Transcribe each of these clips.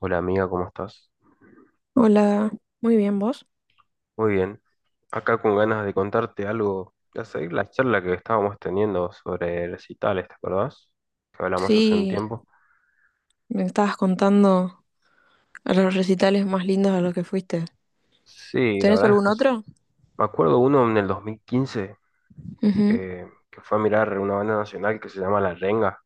Hola amiga, ¿cómo estás? Hola, muy bien, ¿vos? Muy bien. Acá con ganas de contarte algo, de seguir la charla que estábamos teniendo sobre recitales, ¿te acordás? Que hablamos hace un Sí, tiempo. me estabas contando a los recitales más lindos a los que fuiste. Sí, la ¿Tenés verdad es algún que sí. otro? Me acuerdo uno en el 2015, Ujú. Que fue a mirar una banda nacional que se llama La Renga,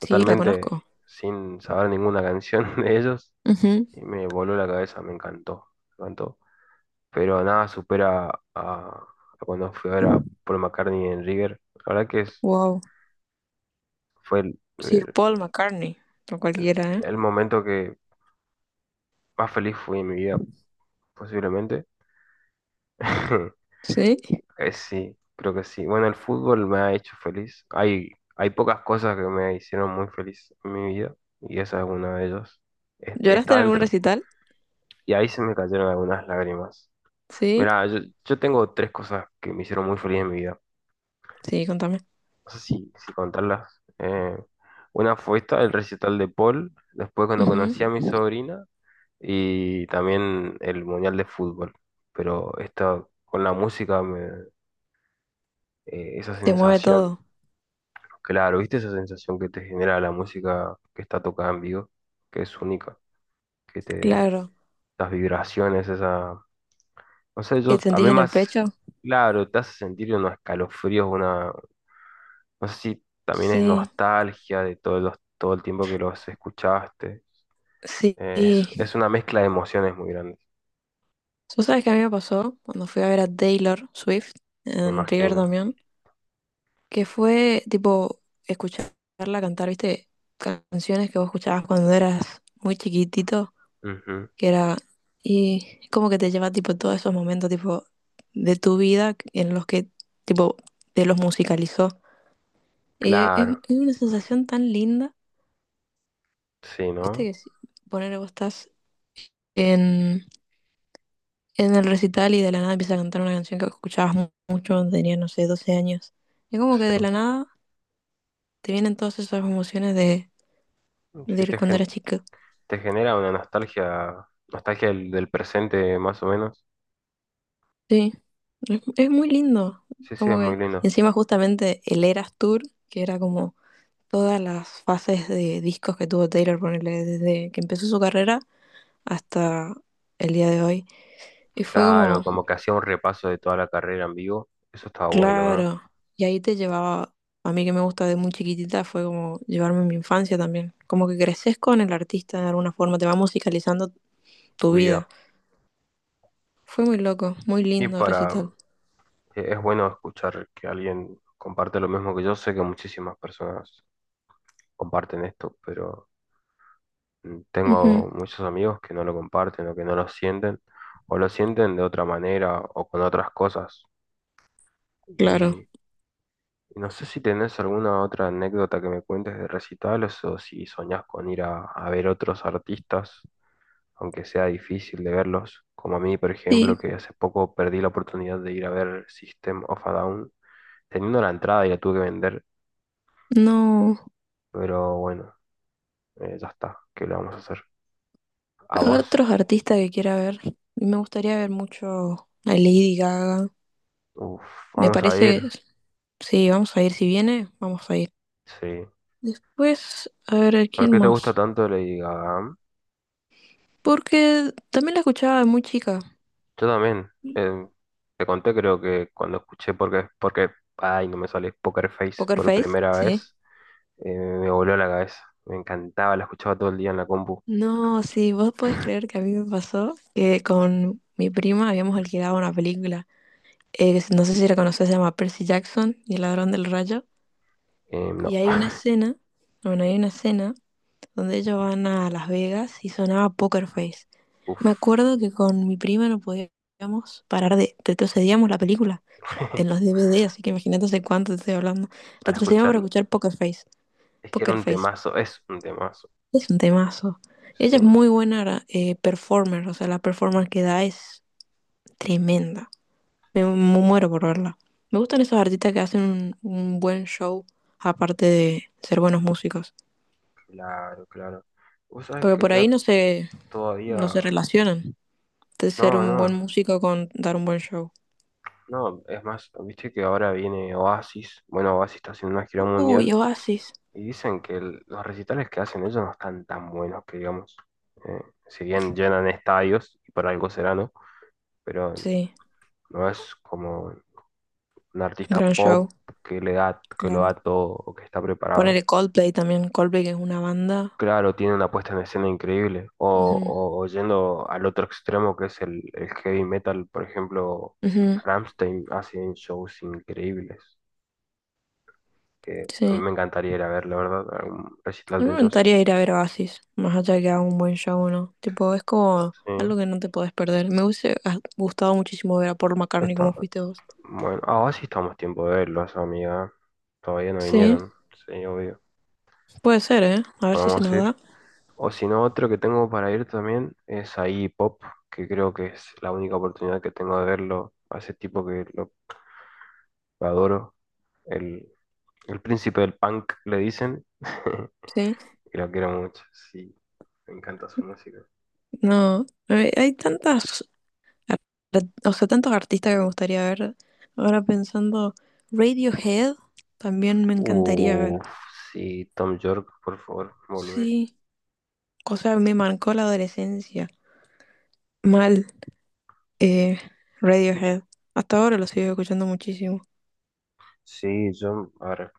Sí, la totalmente conozco. sin saber ninguna canción de ellos, Ujú. y me voló la cabeza, me encantó, me encantó. Pero nada supera a cuando fui a ver a Paul McCartney en River. La verdad que es- Wow. fue el- Sir el- Paul McCartney, o el, cualquiera, ¿eh? el momento que más feliz fui en mi vida, posiblemente. ¿Sí? Sí, creo que sí. Bueno, el fútbol me ha hecho feliz. Hay pocas cosas que me hicieron muy feliz en mi vida y esa es una de ellas. ¿Lloraste Está en algún dentro. recital? Y ahí se me cayeron algunas lágrimas. Sí, Mira, yo tengo tres cosas que me hicieron muy feliz en mi vida. sí, contame. No sé si contarlas. Una fue esta, el recital de Paul. Después cuando conocí a Ujú. mi sobrina y también el Mundial de Fútbol. Pero esto con esa Te mueve sensación, todo, claro, ¿viste esa sensación que te genera la música que está tocada en vivo? Que es única, que te, claro. las vibraciones, no sé, ¿Qué yo, a sentís mí en el más, pecho? claro, te hace sentir unos escalofríos, no sé si también es Sí, nostalgia de todo el tiempo que los escuchaste. sí. Es una mezcla de emociones muy grandes, ¿Tú sabes qué a mí me pasó cuando fui a ver a Taylor Swift me en River? imagino. Que fue tipo escucharla cantar, ¿viste? Canciones que vos escuchabas cuando eras muy chiquitito, Ujú, que era, y como que te lleva tipo todos esos momentos tipo de tu vida en los que tipo te los musicalizó. Y claro, es una sensación tan linda, sí, ¿viste? ¿no? Que si, poner vos estás en, en el recital y de la nada empiezas a cantar una canción que escuchabas mucho cuando tenías, no sé, 12 años. Y como que de Sí, la nada te vienen todas esas emociones sí de te, cuando gen- eras chico. te genera una nostalgia, nostalgia del presente más o menos. Sí, es muy lindo. Sí, sí, es Como muy que lindo. encima justamente el Eras Tour, que era como todas las fases de discos que tuvo Taylor, ponerle desde que empezó su carrera hasta el día de hoy. Y fue Claro, como, como que hacía un repaso de toda la carrera en vivo. Eso estaba bueno, ¿eh? claro, y ahí te llevaba, a mí que me gusta de muy chiquitita, fue como llevarme mi infancia también. Como que creces con el artista de alguna forma, te va musicalizando tu Tu vida. vida. Fue muy loco, muy Y lindo para, recital. Es bueno escuchar que alguien comparte lo mismo que yo. Sé que muchísimas personas comparten esto, pero Ujú, tengo muchos amigos que no lo comparten o que no lo sienten, o lo sienten de otra manera o con otras cosas. claro. Y No sé si tenés alguna otra anécdota que me cuentes de recitales o si soñás con ir a ver otros artistas, aunque sea difícil de verlos, como a mí, por ejemplo, Sí, que hace poco perdí la oportunidad de ir a ver System of a Down, teniendo la entrada y la tuve que vender, no. pero bueno, ya está, ¿qué le vamos a hacer? ¿A vos? Otros artistas que quiera ver. Me gustaría ver mucho a Lady Gaga. Uf, Me vamos a ir, parece, sí, vamos a ir. Si viene, vamos a ir. sí. Después, a ver, ¿a ¿Por ¿quién qué te gusta más? tanto Lady Gaga? Porque también la escuchaba de muy chica. Yo también. eh, te conté, creo que cuando escuché ay, no me sale Poker Face Poker por Face, primera sí. vez. Me voló la cabeza. Me encantaba, la escuchaba todo el día en la compu. No, sí, vos podés creer que a mí me pasó que con mi prima habíamos alquilado una película. Que no sé si la conocés, se llama Percy Jackson y el ladrón del rayo. Y No, hay una escena, bueno, hay una escena donde ellos van a Las Vegas y sonaba Poker Face. Me uff, acuerdo que con mi prima no podíamos parar de Retrocedíamos la película en los DVD, así que imagínate hace cuánto te estoy hablando. para Retrocedíamos para escucharlo. escuchar Poker Face. Es que era Poker un Face temazo, es un temazo. es un temazo. Sí, Ella es muy buena performer, o sea, la performance que da es tremenda. Me, sí, muero por verla. Me gustan esos artistas que hacen un buen show, aparte de ser buenos músicos. claro, claro. Vos sabés Porque que por ahí yo no se, todavía. no se relacionan, de ser No, un buen no, músico con dar un buen show. no, es más, viste que ahora viene Oasis. Bueno, Oasis está haciendo una gira Uy, mundial. Oasis. Y dicen que los recitales que hacen ellos no están tan buenos que digamos. Eh, si bien llenan estadios, y por algo será, ¿no? Pero Sí. no es como un artista Gran pop show. que le da, que lo Claro. da todo o que está preparado. Ponerle Coldplay también. Coldplay que es una banda. Claro, tiene una puesta en escena increíble. O, Ujú, o- o yendo al otro extremo que es el heavy metal, por ejemplo, ujú, Rammstein hacen shows increíbles. Que a mí sí. me encantaría ir a ver, la verdad, a un recital No de me ellos. gustaría ir a ver Oasis, más allá que haga un buen show, ¿no? Tipo, es como Sí, algo que no te podés perder. Me hubiese gustado muchísimo ver a Paul McCartney está. como fuiste vos. Bueno, ahora sí estamos tiempo de verlos, amiga. Todavía no Sí, vinieron, sí, obvio. puede ser, ¿eh? A ver si se Podemos nos ir. da. O si no, otro que tengo para ir también es a Iggy Pop, que creo que es la única oportunidad que tengo de verlo a ese tipo que lo adoro. El, el príncipe del punk, le dicen. Sí. Y lo quiero mucho, sí. Me encanta su música. No, hay tantas, ar- o sea, tantos artistas que me gustaría ver. Ahora pensando, Radiohead también me encantaría ver. Uff, sí, Tom York, por favor, volvé. Sí, o sea, me marcó la adolescencia. Mal, eh, Radiohead. Hasta ahora lo sigo escuchando muchísimo. Sí, yo, a ver,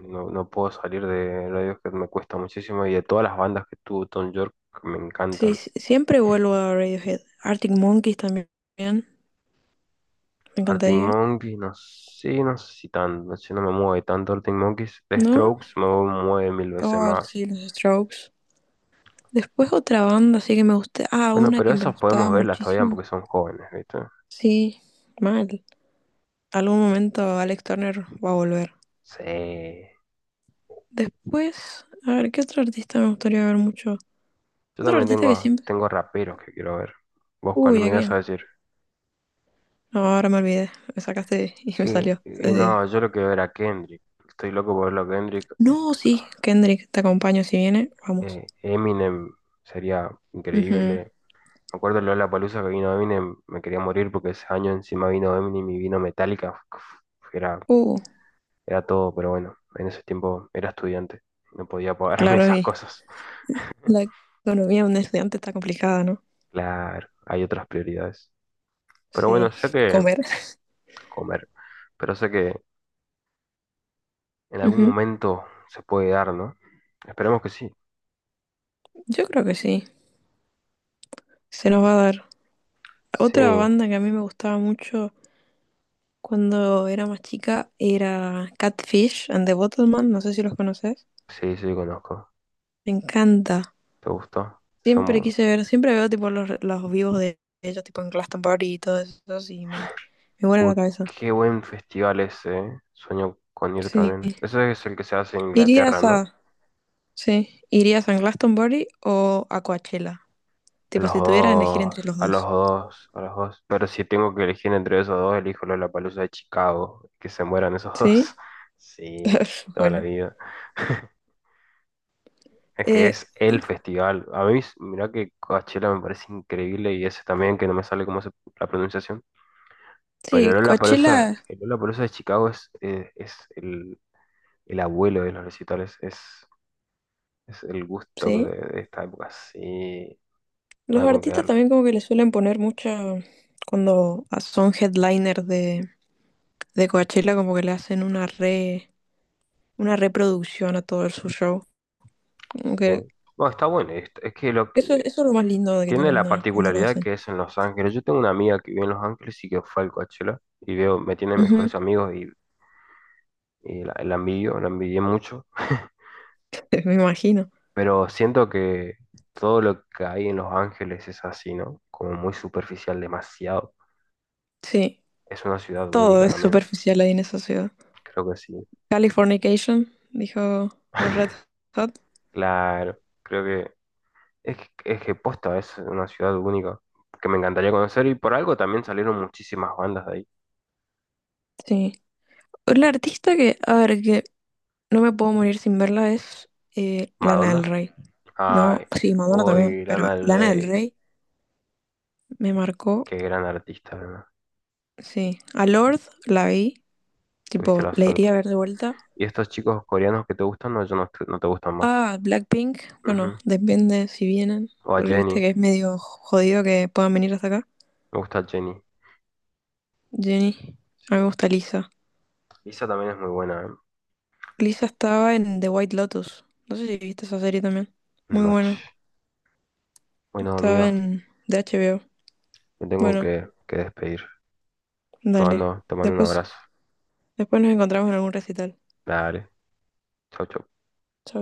no, no puedo salir de Radiohead, me cuesta muchísimo. Y de todas las bandas que tuvo Tom York, me Sí, encantan. sí, siempre vuelvo a Radiohead. Arctic Monkeys también, me Arctic encantaría. Monkeys, no sé, no sé si tan, no sé, no me mueve tanto Arctic Monkeys. The ¿No? Strokes me mueve mil veces Oh, más. sí, los Strokes. Después otra banda, sí que me gusta. Ah, Bueno, una pero que me esas gustaba podemos verlas todavía muchísimo. porque son jóvenes, ¿viste? Sí, mal. Algún momento Alex Turner va a volver. Sí. Después, a ver, ¿qué otro artista me gustaría ver mucho? Yo Otro también artista que tengo, siempre. tengo raperos que quiero ver. ¿Vos cuál Uy, me ¿a ibas a quién? decir? No, ahora me olvidé. Me sacaste y me Y, salió. y no, yo lo quiero ver a Kendrick. Estoy loco por verlo a Kendrick. No, sí, Kendrick, te acompaño si viene, vamos. Eminem sería Ujú. increíble. Me acuerdo Lola Palusa que vino Eminem, me quería morir porque ese año encima vino Eminem y vino Metallica. Era, Uh, era todo, pero bueno, en ese tiempo era estudiante. No podía pagarme claro, esas y cosas. la economía de un estudiante está complicada, ¿no? Claro, hay otras prioridades. Pero bueno, Sí, sé que comer. comer, pero sé que en algún Ujú. momento se puede dar, ¿no? Esperemos que sí. Yo creo que sí, se nos va a dar. Sí, Otra banda que a mí me gustaba mucho cuando era más chica era Catfish and the Bottleman, no sé si los conoces. sí, sí, conozco. Me encanta. ¿Te gustó? Son... Siempre bu- quise ver, siempre veo tipo los vivos de ellos, tipo en Glastonbury y todo eso, y me vuela Uy, la cabeza. qué buen festival ese, ¿eh? Sueño con ir Sí. también. Ese es el que se hace en Inglaterra, Irías ¿no? a Sí. ¿Irías a Glastonbury o a Coachella? A Tipo, los si tuvieras que elegir dos, entre los a los dos. dos, a los dos. Pero si tengo que elegir entre esos dos, elijo Lollapalooza de Chicago. Que se mueran esos Sí. dos. Sí, toda la Bueno. vida. Es que Eh, es el festival. A mí, mirá que Coachella me parece increíble y ese también, que no me sale cómo se, la pronunciación. Pero sí, Lollapalooza, Coachella, el Lollapalooza de Chicago es el abuelo de los recitales. Es el gusto sí. de esta época. Sí, Los nada con artistas quedarlo. también como que le suelen poner mucha Cuando son headliners de Coachella, como que le hacen una re, una reproducción a todo su show. Como Sí. que No, está bueno. Eso es lo más lindo de que Tiene tienen la ahí cuando lo particularidad hacen. que es en Los Ángeles. Yo tengo una amiga que vive en Los Ángeles y que fue al Coachella y veo, me tiene Ujú. mejores amigos y la envidio, la envidié mucho. Me imagino. Pero siento que todo lo que hay en Los Ángeles es así, ¿no? Como muy superficial, demasiado. Sí, Es una ciudad todo única es también, superficial ahí en esa ciudad. creo que sí. Californication, dijo los Red Hot. Claro, creo que es que posta, es una ciudad única que me encantaría conocer y por algo también salieron muchísimas bandas de ahí. Sí. La artista que, a ver, que no me puedo morir sin verla es Lana del Madonna, Rey. ay, No, sí, Madonna también, hoy pero Lana del Lana del Rey. Rey me marcó, Qué gran artista, ¿verdad? sí. A Lord la vi, Tuviste tipo, la la suerte. iría a ver de vuelta. ¿Y estos chicos coreanos que te gustan o ya no, te no te gustan más? A Blackpink, bueno, Ujú. depende si vienen, O a porque viste Jenny. que es medio jodido que puedan venir hasta acá. Me gusta Jenny. Jenny, a Sí. mí me gusta Lisa. Lisa también es muy buena. ¿Eh? Lisa estaba en The White Lotus, no sé si viste esa serie también. Muy buena. Noche. Bueno, Estaba amiga, en de HBO. me tengo Bueno, que despedir. Dale. Te mando un Después, abrazo. después nos encontramos en algún recital. Dale. Chau, chau. Chao.